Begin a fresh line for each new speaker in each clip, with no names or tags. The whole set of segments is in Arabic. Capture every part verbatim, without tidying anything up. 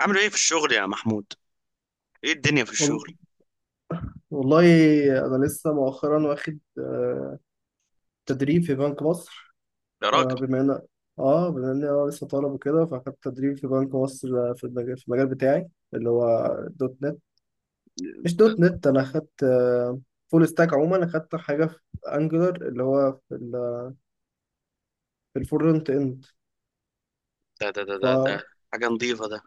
عامل ايه في الشغل يا محمود؟ ايه الدنيا في
وال-
الشغل؟
والله أنا لسه مؤخرا واخد آه، تدريب في بنك مصر.
يا
آه،
راجل!
بما إن آه بما إن أنا لسه طالب وكده فأخدت تدريب في بنك مصر، آه، في المجال في المجال بتاعي اللي هو دوت نت. مش
ده
دوت نت، أنا أخدت فول ستاك. عموما أخدت حاجة في أنجلر اللي هو في ال- في الفرونت إند.
ده ده ده, ده, ده.
ف
حاجة نظيفة ده.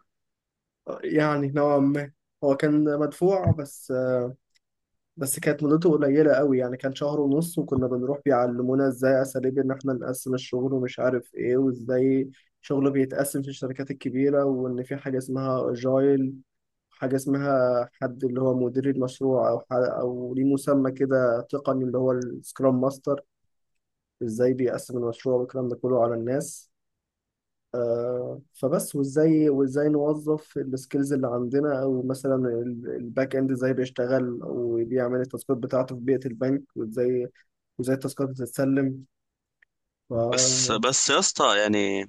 يعني نوعا ما هو كان مدفوع، بس آه، بس كانت مدته قليلة قوي. يعني كان شهر ونص، وكنا بنروح بيعلمونا ازاي اساليب ان احنا نقسم الشغل ومش عارف ايه، وازاي شغله بيتقسم في الشركات الكبيرة، وان في حاجة اسمها اجايل. حاجة اسمها حد اللي هو مدير المشروع، او ح- او ليه مسمى كده تقني اللي هو السكرام ماستر. ازاي بيقسم المشروع والكلام ده كله على الناس. آه، فبس، وازاي وازاي نوظف السكيلز اللي عندنا، او مثلا ال- الباك اند ازاي بيشتغل وبيعمل التاسكات بتاعته في بيئة البنك، وازاي وازاي التاسكات بتتسلم. ف...
بس بس يا اسطى يعني.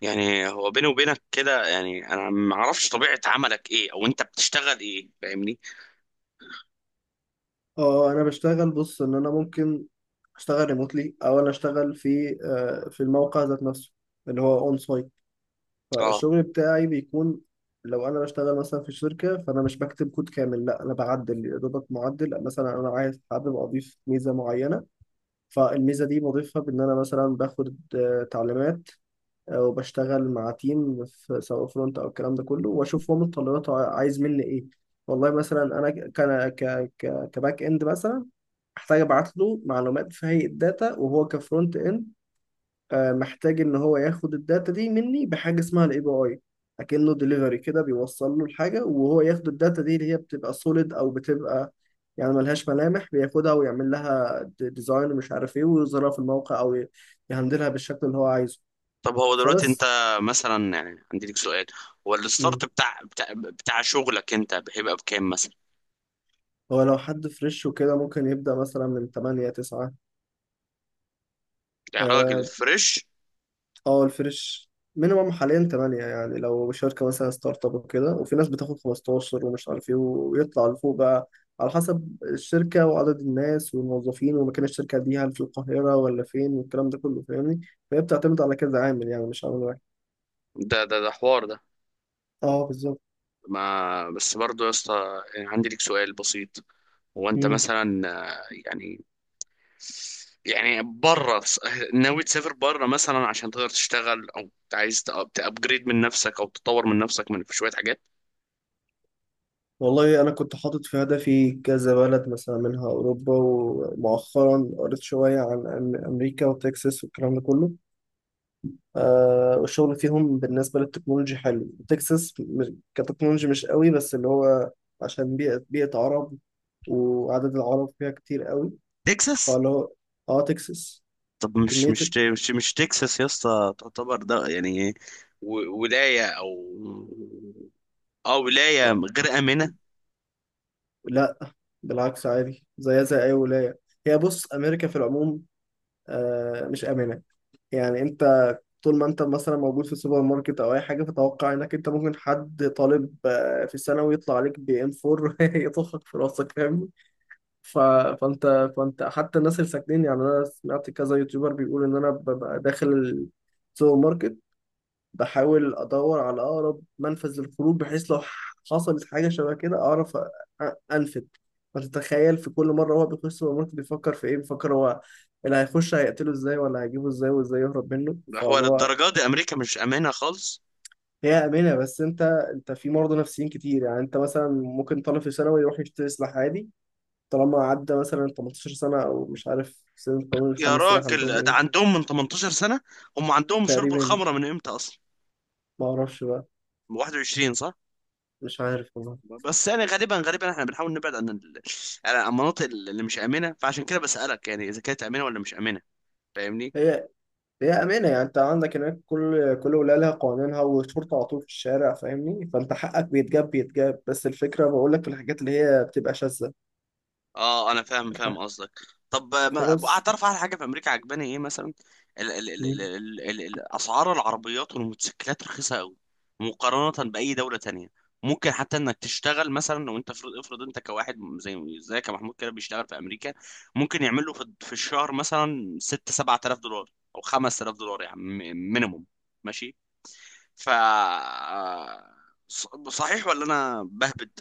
يعني هو بيني وبينك كده، يعني انا ما اعرفش طبيعة عملك ايه، او انت بتشتغل ايه؟ فاهمني.
اه، انا بشتغل. بص ان انا ممكن اشتغل ريموتلي، او انا اشتغل في آه، في الموقع ذات نفسه اللي هو اون سايت.
اه.
فالشغل بتاعي بيكون، لو انا بشتغل مثلا في شركه فانا مش بكتب كود كامل. لا، انا بعدل يا دوبك، معدل مثلا. انا عايز حابب اضيف ميزه معينه، فالميزة دي بضيفها بإن أنا مثلا باخد آه، تعليمات، آه، وبشتغل مع تيم في سواء فرونت أو الكلام ده كله، وأشوف هو متطلباته عايز مني إيه. والله مثلا أنا ك ك ك كباك إند مثلا، أحتاج أبعت له معلومات في هيئة داتا. وهو كفرونت إند آه، محتاج ان هو ياخد الداتا دي مني بحاجه اسمها الاي بي اي. اكنه ديليفري كده بيوصل له الحاجه، وهو ياخد الداتا دي اللي هي بتبقى سوليد او بتبقى يعني ملهاش ملامح، بياخدها ويعمل لها ديزاين ومش عارف ايه، ويظهرها في الموقع او ي- يهندلها بالشكل اللي هو عايزه.
طب هو دلوقتي انت
فبس.
مثلا، يعني عندي لك سؤال. هو
مم.
الستارت بتاع بتاع, بتاع شغلك انت هيبقى بكام مثلا؟
هو لو حد فريش وكده ممكن يبدأ مثلا من تمانية تسعة.
يا راجل، فريش!
اه، الفريش مينيمم حاليا تمانية. يعني لو شركة مثلا ستارت اب وكده، وفي ناس بتاخد خمسة عشر ومش عارف ايه، ويطلع لفوق بقى على حسب الشركة وعدد الناس والموظفين ومكان الشركة دي، هل في القاهرة ولا فين والكلام ده كله، فاهمني؟ فهي بتعتمد على كذا عامل، يعني مش عامل واحد.
ده ده ده حوار ده.
اه، بالظبط.
ما بس برضه يا اسطى، يعني عندي لك سؤال بسيط. هو انت
مم.
مثلا آه، يعني، يعني بره، ناوي تسافر بره مثلا عشان تقدر تشتغل، او عايز تابجريد من نفسك او تطور من نفسك من في شويه حاجات.
والله انا كنت حاطط في هدفي كذا بلد، مثلا منها اوروبا، ومؤخرا قريت شوية عن أم- امريكا وتكساس والكلام ده كله. آه، والشغل فيهم بالنسبة للتكنولوجي حلو. تكساس م- كتكنولوجي مش قوي، بس اللي هو عشان بيئة بيئة عرب، وعدد العرب فيها كتير قوي.
تكساس؟
فاللي هو، اه تكساس،
طب مش
كمية
مش
ال-
مش مش تكساس يا اسطى تعتبر ده يعني و- ولايه، او او ولايه
آه
غير امنه؟
لا، بالعكس، عادي زيها زي أي ولاية. هي، بص، أمريكا في العموم آه مش آمنة. يعني أنت طول ما أنت مثلا موجود في سوبر ماركت أو أي حاجة، فتوقع إنك أنت ممكن حد طالب آه، في ثانوي يطلع عليك بي إم اربعة يطخك في راسك، فاهم؟ ف... فانت فانت حتى الناس اللي ساكنين، يعني انا سمعت كذا يوتيوبر بيقول ان انا ببقى داخل السوبر ماركت، بحاول ادور على اقرب منفذ للخروج، بحيث لو حصلت حاجه شبه كده اعرف أ- انفذ. فتتخيل في كل مره هو بيخش السوبر ماركت بيفكر في ايه، بيفكر هو اللي هيخش هيقتله ازاي ولا هيجيبه ازاي، وازاي يهرب منه،
هو
فاللي هو.
للدرجه دي امريكا مش امنه خالص؟
هي امنه، بس انت انت في مرضى نفسيين كتير. يعني انت مثلا ممكن طالب في ثانوي يروح يشتري سلاح عادي، طالما عدى مثلا ثمانية عشر سنة، أو مش عارف سن قانون الحمل
يا
السلاح عندهم
راجل، ده
إيه.
عندهم من تمنتاشر سنه! هم عندهم شرب
تقريبا،
الخمره من امتى اصلا؟
ما أعرفش بقى،
واحد وعشرين صح؟
مش عارف والله.
بس يعني، غالبا غالبا احنا بنحاول نبعد عن ال- يعني عن المناطق اللي مش امنه، فعشان كده بسالك، يعني اذا كانت امنه ولا مش امنه، فاهمني.
هي هي أمانة، يعني أنت عندك هناك، كل كل ولاية لها قوانينها والشرطة على طول في الشارع، فاهمني؟ فأنت حقك بيتجاب بيتجاب، بس الفكرة، بقول لك في الحاجات اللي هي بتبقى شاذة.
اه، انا فاهم فاهم
الحق.
قصدك. طب آه، ما
فبس.
اعترف على حاجه في امريكا عجباني ايه مثلا. ال ال ال ال
مم.
ال ال ال اسعار العربيات والموتوسيكلات رخيصه قوي، مقارنه باي دوله تانية. ممكن حتى انك تشتغل مثلا، لو انت افرض افرض انت كواحد زي زي كمحمود كده بيشتغل في امريكا، ممكن يعمل له في في الشهر مثلا ستة سبعة آلاف دولار، او خمسة آلاف دولار يعني، مينيموم. ماشي. ف ص- صحيح ولا انا بهبد؟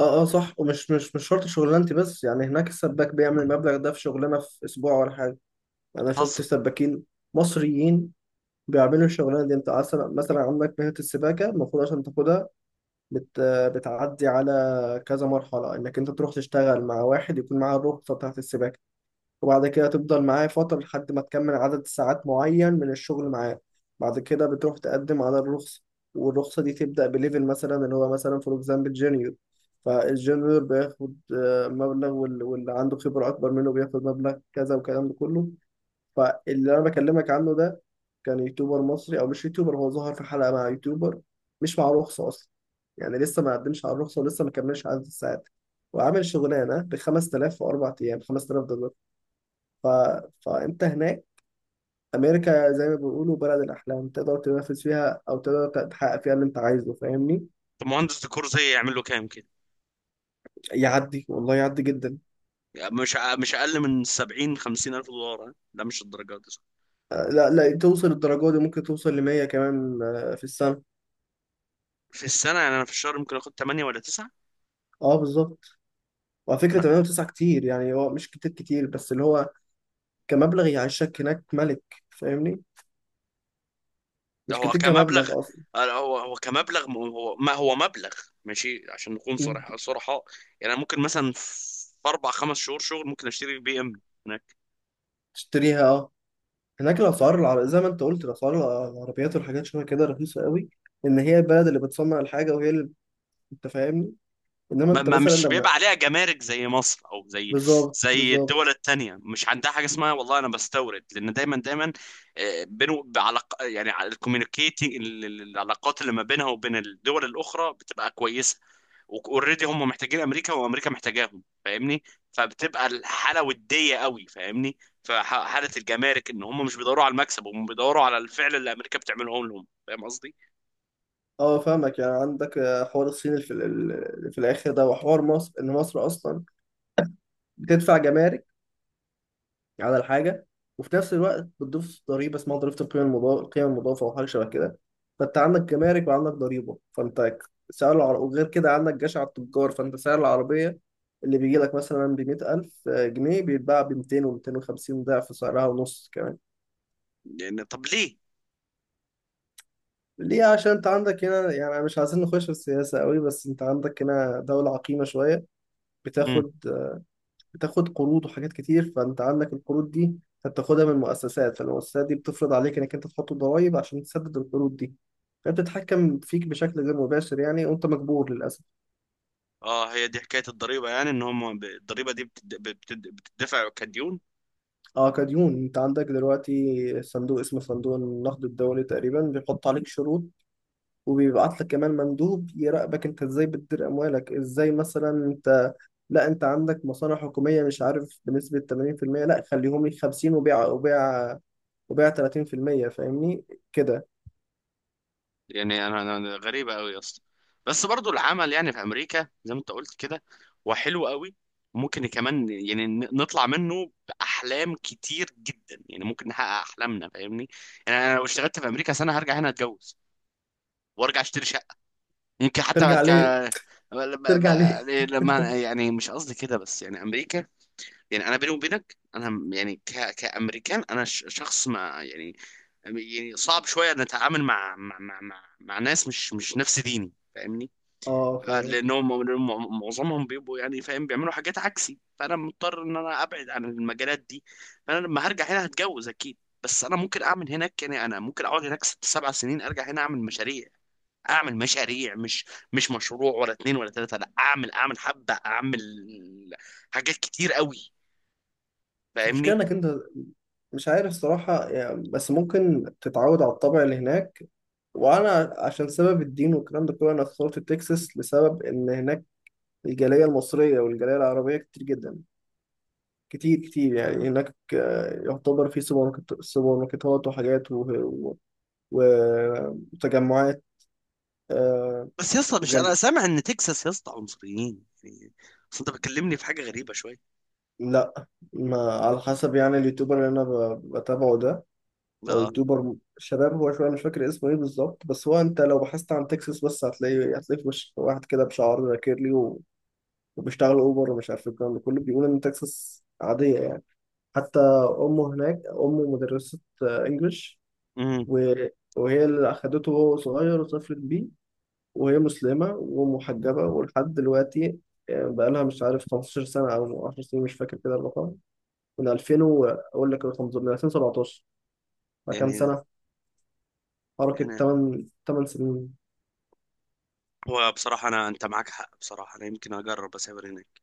اه، اه، صح. ومش مش مش شرط شغلانتي، بس يعني هناك السباك بيعمل المبلغ ده في شغلانة في أسبوع ولا حاجة. أنا شفت
بتهزر.
سباكين مصريين بيعملوا الشغلانه دي. انت اصلا مثلا عندك مهنه السباكه المفروض عشان تاخدها، بت... بتعدي على كذا مرحله، انك انت تروح تشتغل مع واحد يكون معاه الرخصه بتاعت السباكه، وبعد كده تفضل معاه فتره لحد ما تكمل عدد ساعات معين من الشغل معاه. بعد كده بتروح تقدم على الرخصه. والرخصه دي تبدا بليفل مثلا اللي هو مثلا فور اكزامبل جونيور. فالجونيور بياخد آه، مبلغ، وال- واللي عنده خبره اكبر منه بياخد مبلغ كذا والكلام ده كله. فاللي انا بكلمك عنه ده كان يوتيوبر مصري، او مش يوتيوبر، هو ظهر في حلقه مع يوتيوبر، مش مع رخصه اصلا. يعني لسه ما قدمش على الرخصه ولسه ما كملش عدد الساعات، وعامل شغلانه ب خمس تلاف في اربع ايام، خمس تلاف دولار. ف... فانت هناك، امريكا زي ما بيقولوا بلد الاحلام، تقدر تنافس فيها او تقدر تحقق فيها اللي انت عايزه، فاهمني؟
طب مهندس ديكور زي يعمل له كام كده؟
يعدي والله، يعدي جدا.
يعني مش ع- مش اقل من سبعين خمسين الف دولار. ها؟ لا مش الدرجات دي، صح.
آه، لا لا، توصل الدرجه دي، ممكن توصل ل مية كمان، آه، في السنه.
في السنه. يعني انا في الشهر ممكن اخد ثمانية ولا تسعة.
اه، بالظبط. وعلى فكره
لا.
تمانية و9 كتير، يعني هو مش كتير كتير، بس اللي هو كمبلغ يعيشك هناك ملك، فاهمني.
ده
مش
هو
كتير
كمبلغ.
كمبلغ اصلا.
هو هو كمبلغ م- هو ما هو مبلغ. ماشي، عشان نكون
مم.
صرح صرحاء. يعني أنا ممكن مثلا في اربع خمس شهور شغل ممكن اشتري بي ام.
تشتريها اه. هناك الاسعار العر... زي ما انت قلت، الاسعار الع- العربيات والحاجات شبه كده رخيصه قوي. ان هي البلد اللي بتصنع الحاجه وهي اللي انت، فاهمني؟ انما
ما
انت
ما-
مثلا
مش
لما.
بيبقى عليها جمارك زي مصر، او زي
بالظبط،
زي
بالظبط.
الدول التانية مش عندها حاجه اسمها والله انا بستورد، لان دايما دايما آه، بينه بعلاق، يعني الكوميونيكيتنج، العلاقات اللي ما بينها وبين الدول الاخرى بتبقى كويسه. اوريدي هم محتاجين امريكا، وامريكا محتاجاهم، فاهمني. فبتبقى الحاله وديه قوي، فاهمني. فحاله الجمارك ان هم مش بيدوروا على المكسب، هم بيدوروا على الفعل اللي امريكا بتعمله لهم، فاهم قصدي؟
اه فاهمك. يعني عندك آه، حوار الصين اللي في, ال- اللي في الاخر ده، وحوار مصر ان مصر اصلا بتدفع جمارك على الحاجة، وفي نفس الوقت بتضيف ضريبة اسمها ضريبة القيمة المضافة القيمة المضافة أو حاجة شبه كده. فأنت عندك جمارك وعندك ضريبة، فأنت سعر العربية، وغير كده عندك جشع التجار، فأنت سعر العربية اللي بيجي لك مثلا ب مائة ألف جنيه بيتباع ب ميتين و ميتين وخمسين ضعف سعرها ونص كمان.
يعني طب ليه؟
ليه؟ عشان انت عندك هنا، يعني مش عايزين نخش في السياسة قوي، بس انت عندك هنا دولة عقيمة شوية، بتاخد بتاخد قروض وحاجات كتير. فانت عندك القروض دي هتاخدها من المؤسسات، فالمؤسسات دي بتفرض عليك انك انت تحط الضرايب عشان تسدد القروض دي، فبتتحكم فيك بشكل غير مباشر، يعني وانت مجبور للاسف.
اه، هي دي حكايه الضريبه، يعني ان هم ب- الضريبه دي بتد... بتد... بتدفع كديون.
اه، كديون. انت عندك دلوقتي صندوق اسمه صندوق النقد الدولي، تقريبا بيحط عليك شروط وبيبعت لك كمان مندوب يراقبك انت ازاي بتدير اموالك، ازاي مثلا انت. لا، انت عندك مصالح حكوميه مش عارف بنسبه ثمانين في المية، لا خليهم لي خمسين، وبيع وبيع وبيع ثلاثين في المية، فاهمني كده.
يعني انا أنا- أنا غريبه قوي يا اسطى. بس برضو العمل يعني في امريكا زي ما انت قلت كده، هو حلو قوي. ممكن كمان يعني ن- نطلع منه باحلام كتير جدا، يعني ممكن نحقق احلامنا، فاهمني. يعني انا لو اشتغلت في امريكا سنه، هرجع هنا اتجوز، وارجع اشتري شقه. يمكن حتى
ترجع ليه؟
ارجع
ترجع ليه؟
لما لما- يعني مش قصدي كده، بس يعني امريكا. يعني انا بيني وبينك، انا م- يعني ك... كامريكان، انا ش... شخص ما، يعني. يعني صعب شويه ان اتعامل مع مع مع مع, مع ناس مش مش نفس ديني، فاهمني.
اه
آه،
فاهمك.
لانهم م- معظمهم بيبقوا، يعني فاهم، بيعملوا حاجات عكسي، فانا مضطر ان انا ابعد عن المجالات دي. فانا لما هرجع هنا هتجوز اكيد. بس انا ممكن اعمل هناك، يعني انا ممكن اقعد هناك ست سبع سنين، ارجع هنا اعمل مشاريع. اعمل مشاريع، مش مش مشروع ولا اتنين ولا تلاته، لا، اعمل اعمل حبه، اعمل حاجات كتير قوي،
بس المشكله
فاهمني.
انك انت مش عارف صراحه، يعني بس ممكن تتعود على الطبع اللي هناك. وانا عشان سبب الدين والكلام ده كله انا اخترت تكساس، لسبب ان هناك الجاليه المصريه والجاليه العربيه كتير جدا، كتير كتير. يعني هناك آه، يعتبر في سوبر ماركت- سوبر ماركتات وحاجات و- و- وتجمعات. آه،
بس يا اسطى، مش انا
وجل...
سامع ان تكساس يا اسطى عنصريين يعني؟ اصل انت بتكلمني في حاجه غريبه شويه.
لا. ما على حسب، يعني اليوتيوبر اللي انا ب- بتابعه ده، هو
اه.
يوتيوبر شباب، هو شويه مش فاكر اسمه ايه بالظبط. بس هو انت لو بحثت عن تكساس بس هتلاقي، هتلاقي في وش واحد كده بشعر كيرلي و- وبيشتغل اوبر ومش عارف الكلام ده كله، بيقول ان تكساس عاديه يعني. حتى امه هناك، امه مدرسه آه، انجلش،
امم
و- وهي اللي اخدته وهو صغير وسافرت بيه. وهي مسلمه ومحجبه ولحد دلوقتي آه، بقالها مش عارف خمسة عشر سنه او عشر سنين، مش فاكر كده الرقم. من ألفين و- اقول لك الرقم بالظبط، من ألفين وسبعتاشر. فكام
يعني
سنه حركه؟
يعني
تمانية تمانية سنين.
هو، بصراحه انا، انت معاك حق، بصراحه انا يمكن اجرب اسافر هناك.